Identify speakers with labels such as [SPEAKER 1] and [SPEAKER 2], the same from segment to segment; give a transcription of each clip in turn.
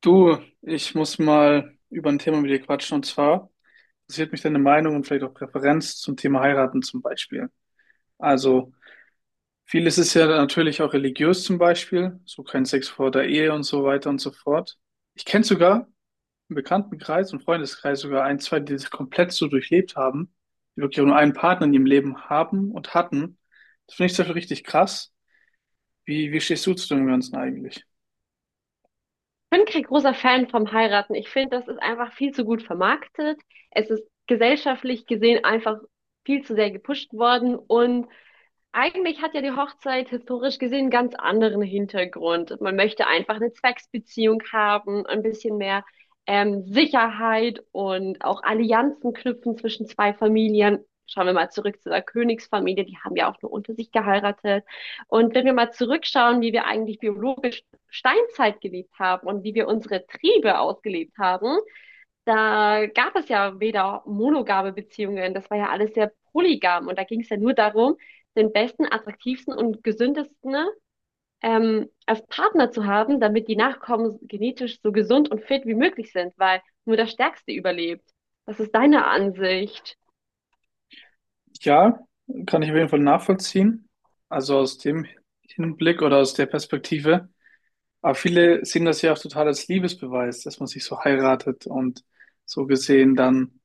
[SPEAKER 1] Du, ich muss mal über ein Thema mit dir quatschen und zwar interessiert mich deine Meinung und vielleicht auch Präferenz zum Thema Heiraten zum Beispiel. Also vieles ist ja natürlich auch religiös zum Beispiel, so kein Sex vor der Ehe und so weiter und so fort. Ich kenne sogar im Bekanntenkreis und Freundeskreis sogar ein, zwei, die das komplett so durchlebt haben, die wirklich auch nur einen Partner in ihrem Leben haben und hatten. Das finde ich zum Beispiel richtig krass. Wie stehst du zu dem Ganzen eigentlich?
[SPEAKER 2] Bin kein großer Fan vom Heiraten. Ich finde, das ist einfach viel zu gut vermarktet. Es ist gesellschaftlich gesehen einfach viel zu sehr gepusht worden, und eigentlich hat ja die Hochzeit historisch gesehen einen ganz anderen Hintergrund. Man möchte einfach eine Zwecksbeziehung haben, ein bisschen mehr Sicherheit und auch Allianzen knüpfen zwischen zwei Familien. Schauen wir mal zurück zu der Königsfamilie, die haben ja auch nur unter sich geheiratet. Und wenn wir mal zurückschauen, wie wir eigentlich biologisch Steinzeit gelebt haben und wie wir unsere Triebe ausgelebt haben, da gab es ja weder monogame Beziehungen, das war ja alles sehr polygam, und da ging es ja nur darum, den besten, attraktivsten und gesündesten als Partner zu haben, damit die Nachkommen genetisch so gesund und fit wie möglich sind, weil nur der Stärkste überlebt. Was ist deine Ansicht?
[SPEAKER 1] Ja, kann ich auf jeden Fall nachvollziehen. Also aus dem Hinblick oder aus der Perspektive. Aber viele sehen das ja auch total als Liebesbeweis, dass man sich so heiratet und so gesehen dann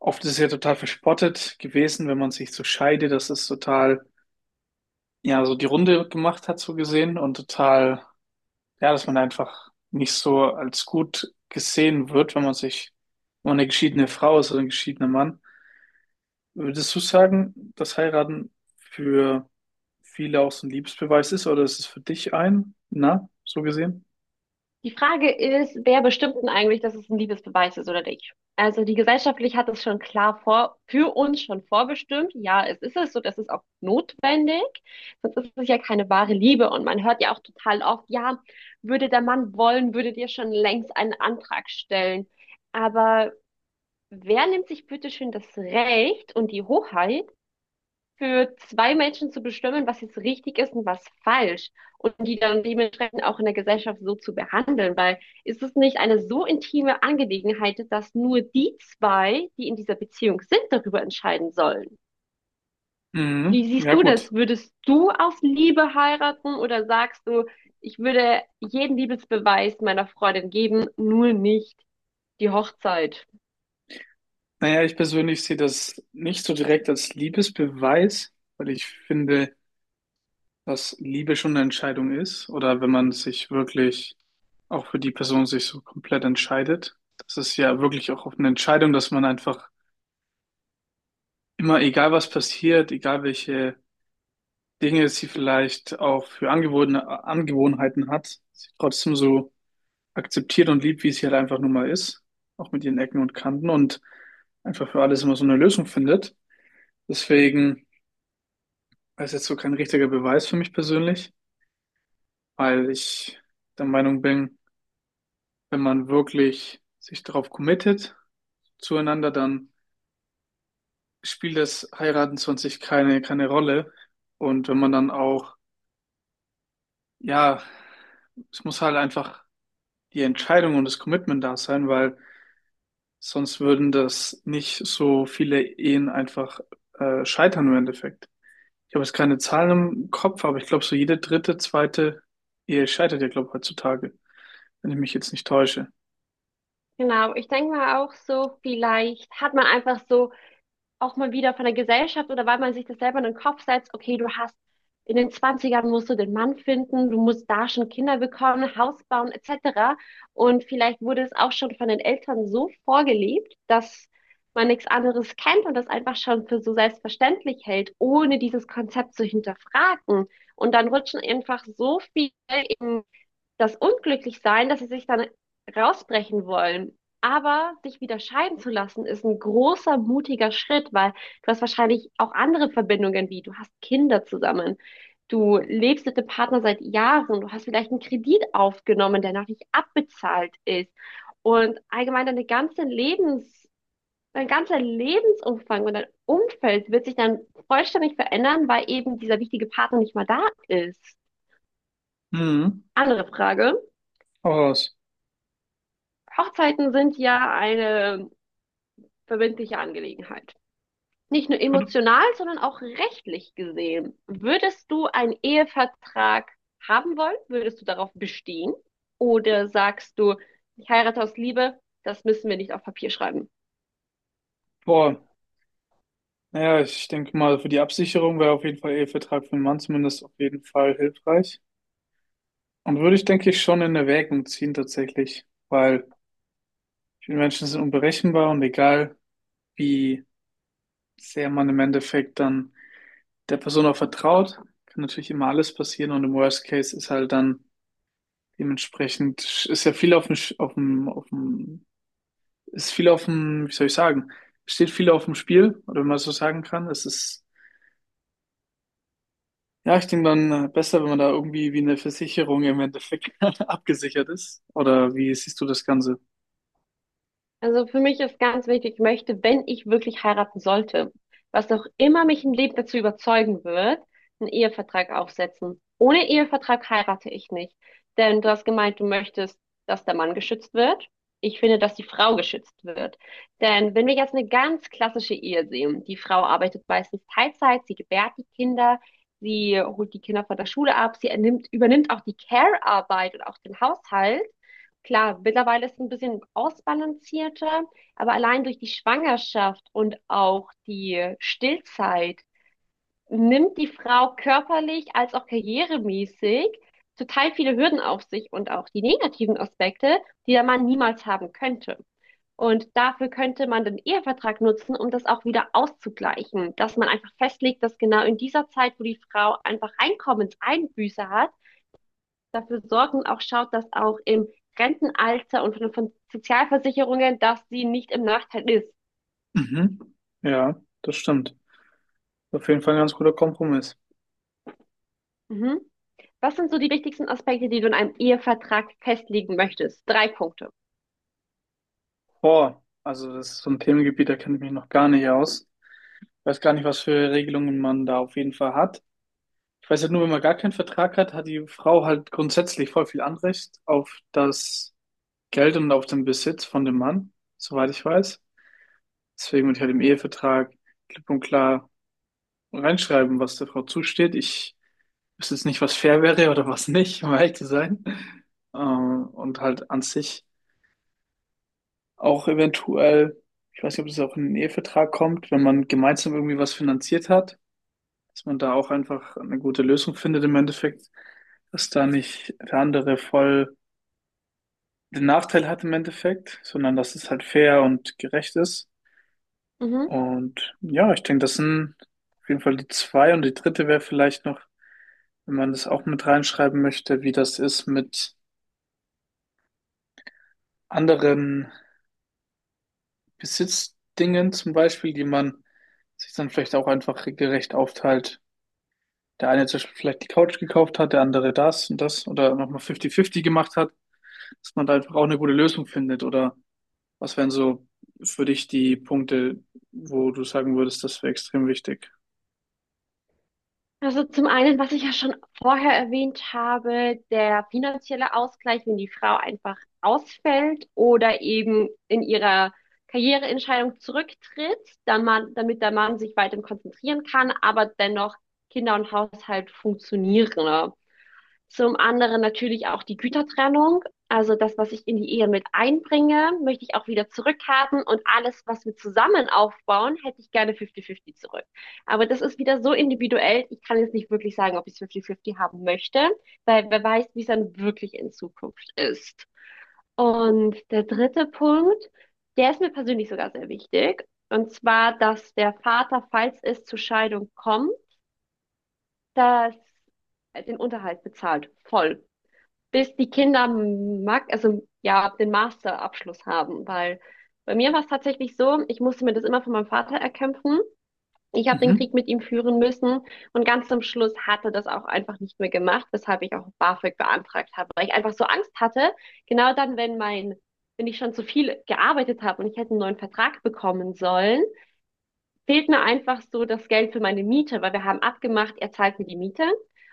[SPEAKER 1] oft ist es ja total verspottet gewesen, wenn man sich so scheidet, dass es total, ja, so die Runde gemacht hat, so gesehen und total, ja, dass man einfach nicht so als gut gesehen wird, wenn man sich, wenn man eine geschiedene Frau ist oder ein geschiedener Mann. Würdest du sagen, dass Heiraten für viele auch so ein Liebesbeweis ist oder ist es für dich ein? Na, so gesehen?
[SPEAKER 2] Die Frage ist, wer bestimmt denn eigentlich, dass es ein Liebesbeweis ist oder nicht? Also die gesellschaftlich hat es schon klar vor, für uns schon vorbestimmt. Ja, es ist es so, das ist auch notwendig. Sonst ist es ja keine wahre Liebe. Und man hört ja auch total oft: Ja, würde der Mann wollen, würdet ihr schon längst einen Antrag stellen. Aber wer nimmt sich bitte schön das Recht und die Hoheit, für zwei Menschen zu bestimmen, was jetzt richtig ist und was falsch, und die dann dementsprechend auch in der Gesellschaft so zu behandeln, weil, ist es nicht eine so intime Angelegenheit, dass nur die zwei, die in dieser Beziehung sind, darüber entscheiden sollen? Wie
[SPEAKER 1] Mhm.
[SPEAKER 2] siehst
[SPEAKER 1] Ja,
[SPEAKER 2] du das?
[SPEAKER 1] gut.
[SPEAKER 2] Würdest du auf Liebe heiraten, oder sagst du, ich würde jeden Liebesbeweis meiner Freundin geben, nur nicht die Hochzeit?
[SPEAKER 1] Naja, ich persönlich sehe das nicht so direkt als Liebesbeweis, weil ich finde, dass Liebe schon eine Entscheidung ist oder wenn man sich wirklich auch für die Person sich so komplett entscheidet. Das ist ja wirklich auch eine Entscheidung, dass man einfach immer, egal was passiert, egal welche Dinge sie vielleicht auch für Angewohnheiten hat, sie trotzdem so akzeptiert und liebt, wie es hier halt einfach nur mal ist, auch mit ihren Ecken und Kanten und einfach für alles immer so eine Lösung findet. Deswegen ist jetzt so kein richtiger Beweis für mich persönlich, weil ich der Meinung bin, wenn man wirklich sich darauf committet zueinander, dann spielt das Heiraten 20 keine Rolle. Und wenn man dann auch, ja, es muss halt einfach die Entscheidung und das Commitment da sein, weil sonst würden das nicht so viele Ehen einfach scheitern im Endeffekt. Ich habe jetzt keine Zahlen im Kopf, aber ich glaube, so jede dritte, zweite Ehe scheitert ja, glaube ich, heutzutage, wenn ich mich jetzt nicht täusche.
[SPEAKER 2] Genau, ich denke mal auch so, vielleicht hat man einfach so auch mal wieder von der Gesellschaft, oder weil man sich das selber in den Kopf setzt, okay, du hast, in den Zwanzigern musst du den Mann finden, du musst da schon Kinder bekommen, Haus bauen etc. Und vielleicht wurde es auch schon von den Eltern so vorgelebt, dass man nichts anderes kennt und das einfach schon für so selbstverständlich hält, ohne dieses Konzept zu hinterfragen. Und dann rutschen einfach so viele in das Unglücklichsein, dass sie sich dann rausbrechen wollen. Aber sich wieder scheiden zu lassen, ist ein großer, mutiger Schritt, weil du hast wahrscheinlich auch andere Verbindungen, wie, du hast Kinder zusammen, du lebst mit dem Partner seit Jahren, du hast vielleicht einen Kredit aufgenommen, der noch nicht abbezahlt ist. Und allgemein deine ganze Lebens, dein ganzer Lebensumfang und dein Umfeld wird sich dann vollständig verändern, weil eben dieser wichtige Partner nicht mehr da ist.
[SPEAKER 1] Mhm.
[SPEAKER 2] Andere Frage.
[SPEAKER 1] Hau raus.
[SPEAKER 2] Hochzeiten sind ja eine verbindliche Angelegenheit. Nicht nur
[SPEAKER 1] Ja,
[SPEAKER 2] emotional, sondern auch rechtlich gesehen. Würdest du einen Ehevertrag haben wollen? Würdest du darauf bestehen? Oder sagst du, ich heirate aus Liebe, das müssen wir nicht auf Papier schreiben?
[SPEAKER 1] boah, naja, ich denke mal, für die Absicherung wäre auf jeden Fall Ehevertrag für den Mann zumindest auf jeden Fall hilfreich. Und würde ich, denke ich, schon in Erwägung ziehen tatsächlich, weil viele Menschen sind unberechenbar und egal, wie sehr man im Endeffekt dann der Person auch vertraut, kann natürlich immer alles passieren und im Worst Case ist halt dann dementsprechend, ist ja viel auf dem, ist viel auf dem, wie soll ich sagen, steht viel auf dem Spiel, oder wenn man so sagen kann. Es ist, ja, ich denke dann besser, wenn man da irgendwie wie eine Versicherung im Endeffekt abgesichert ist. Oder wie siehst du das Ganze?
[SPEAKER 2] Also für mich ist ganz wichtig, ich möchte, wenn ich wirklich heiraten sollte, was auch immer mich im Leben dazu überzeugen wird, einen Ehevertrag aufsetzen. Ohne Ehevertrag heirate ich nicht. Denn du hast gemeint, du möchtest, dass der Mann geschützt wird. Ich finde, dass die Frau geschützt wird. Denn wenn wir jetzt eine ganz klassische Ehe sehen, die Frau arbeitet meistens Teilzeit, sie gebärt die Kinder, sie holt die Kinder von der Schule ab, sie ernimmt, übernimmt auch die Care-Arbeit und auch den Haushalt. Klar, mittlerweile ist es ein bisschen ausbalancierter, aber allein durch die Schwangerschaft und auch die Stillzeit nimmt die Frau körperlich als auch karrieremäßig total viele Hürden auf sich, und auch die negativen Aspekte, die der Mann niemals haben könnte. Und dafür könnte man den Ehevertrag nutzen, um das auch wieder auszugleichen, dass man einfach festlegt, dass genau in dieser Zeit, wo die Frau einfach Einkommenseinbüße hat, dafür sorgen, auch schaut, dass auch im Rentenalter und von Sozialversicherungen, dass sie nicht im Nachteil ist.
[SPEAKER 1] Mhm. Ja, das stimmt. Auf jeden Fall ein ganz guter Kompromiss.
[SPEAKER 2] Mhm. Was sind so die wichtigsten Aspekte, die du in einem Ehevertrag festlegen möchtest? Drei Punkte.
[SPEAKER 1] Boah, also das ist so ein Themengebiet, da kenne ich mich noch gar nicht aus. Weiß gar nicht, was für Regelungen man da auf jeden Fall hat. Ich weiß halt nur, wenn man gar keinen Vertrag hat, hat die Frau halt grundsätzlich voll viel Anrecht auf das Geld und auf den Besitz von dem Mann, soweit ich weiß. Deswegen würde ich halt im Ehevertrag klipp und klar reinschreiben, was der Frau zusteht. Ich wüsste jetzt nicht, was fair wäre oder was nicht, um ehrlich zu sein. Und halt an sich auch eventuell, ich weiß nicht, ob das auch in den Ehevertrag kommt, wenn man gemeinsam irgendwie was finanziert hat, dass man da auch einfach eine gute Lösung findet im Endeffekt, dass da nicht der andere voll den Nachteil hat im Endeffekt, sondern dass es halt fair und gerecht ist.
[SPEAKER 2] Mhm.
[SPEAKER 1] Und ja, ich denke, das sind auf jeden Fall die zwei. Und die dritte wäre vielleicht noch, wenn man das auch mit reinschreiben möchte, wie das ist mit anderen Besitzdingen zum Beispiel, die man sich dann vielleicht auch einfach gerecht aufteilt. Der eine zum Beispiel vielleicht die Couch gekauft hat, der andere das und das oder nochmal 50-50 gemacht hat, dass man da einfach auch eine gute Lösung findet oder was wären so für dich die Punkte, wo du sagen würdest, das wäre extrem wichtig?
[SPEAKER 2] Also zum einen, was ich ja schon vorher erwähnt habe, der finanzielle Ausgleich, wenn die Frau einfach ausfällt oder eben in ihrer Karriereentscheidung zurücktritt, dann man, damit der Mann sich weiter konzentrieren kann, aber dennoch Kinder und Haushalt funktionieren, ne? Zum anderen natürlich auch die Gütertrennung. Also das, was ich in die Ehe mit einbringe, möchte ich auch wieder zurückhaben. Und alles, was wir zusammen aufbauen, hätte ich gerne 50-50 zurück. Aber das ist wieder so individuell. Ich kann jetzt nicht wirklich sagen, ob ich es 50-50 haben möchte, weil wer weiß, wie es dann wirklich in Zukunft ist. Und der dritte Punkt, der ist mir persönlich sogar sehr wichtig. Und zwar, dass der Vater, falls es zur Scheidung kommt, dass den Unterhalt bezahlt. Voll, bis die Kinder mag, also ja, den Masterabschluss haben, weil bei mir war es tatsächlich so, ich musste mir das immer von meinem Vater erkämpfen. Ich habe den
[SPEAKER 1] Mhm.
[SPEAKER 2] Krieg mit ihm führen müssen, und ganz zum Schluss hatte das auch einfach nicht mehr gemacht, weshalb ich auch BAföG beantragt habe, weil ich einfach so Angst hatte, genau dann, wenn mein, wenn ich schon zu viel gearbeitet habe und ich hätte einen neuen Vertrag bekommen sollen, fehlt mir einfach so das Geld für meine Miete, weil wir haben abgemacht, er zahlt mir die Miete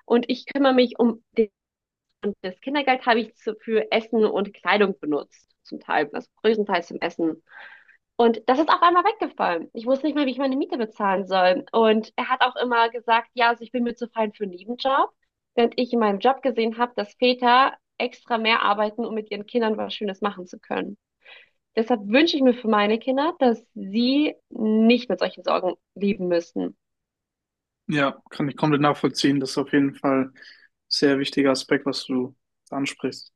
[SPEAKER 2] und ich kümmere mich um den, das Kindergeld habe ich zu, für Essen und Kleidung benutzt, zum Teil, also größtenteils zum Essen. Und das ist auf einmal weggefallen. Ich wusste nicht mehr, wie ich meine Miete bezahlen soll. Und er hat auch immer gesagt, ja, also ich bin mir zu fein für einen Nebenjob, während ich in meinem Job gesehen habe, dass Väter extra mehr arbeiten, um mit ihren Kindern was Schönes machen zu können. Deshalb wünsche ich mir für meine Kinder, dass sie nicht mit solchen Sorgen leben müssen.
[SPEAKER 1] Ja, kann ich komplett nachvollziehen. Das ist auf jeden Fall ein sehr wichtiger Aspekt, was du ansprichst.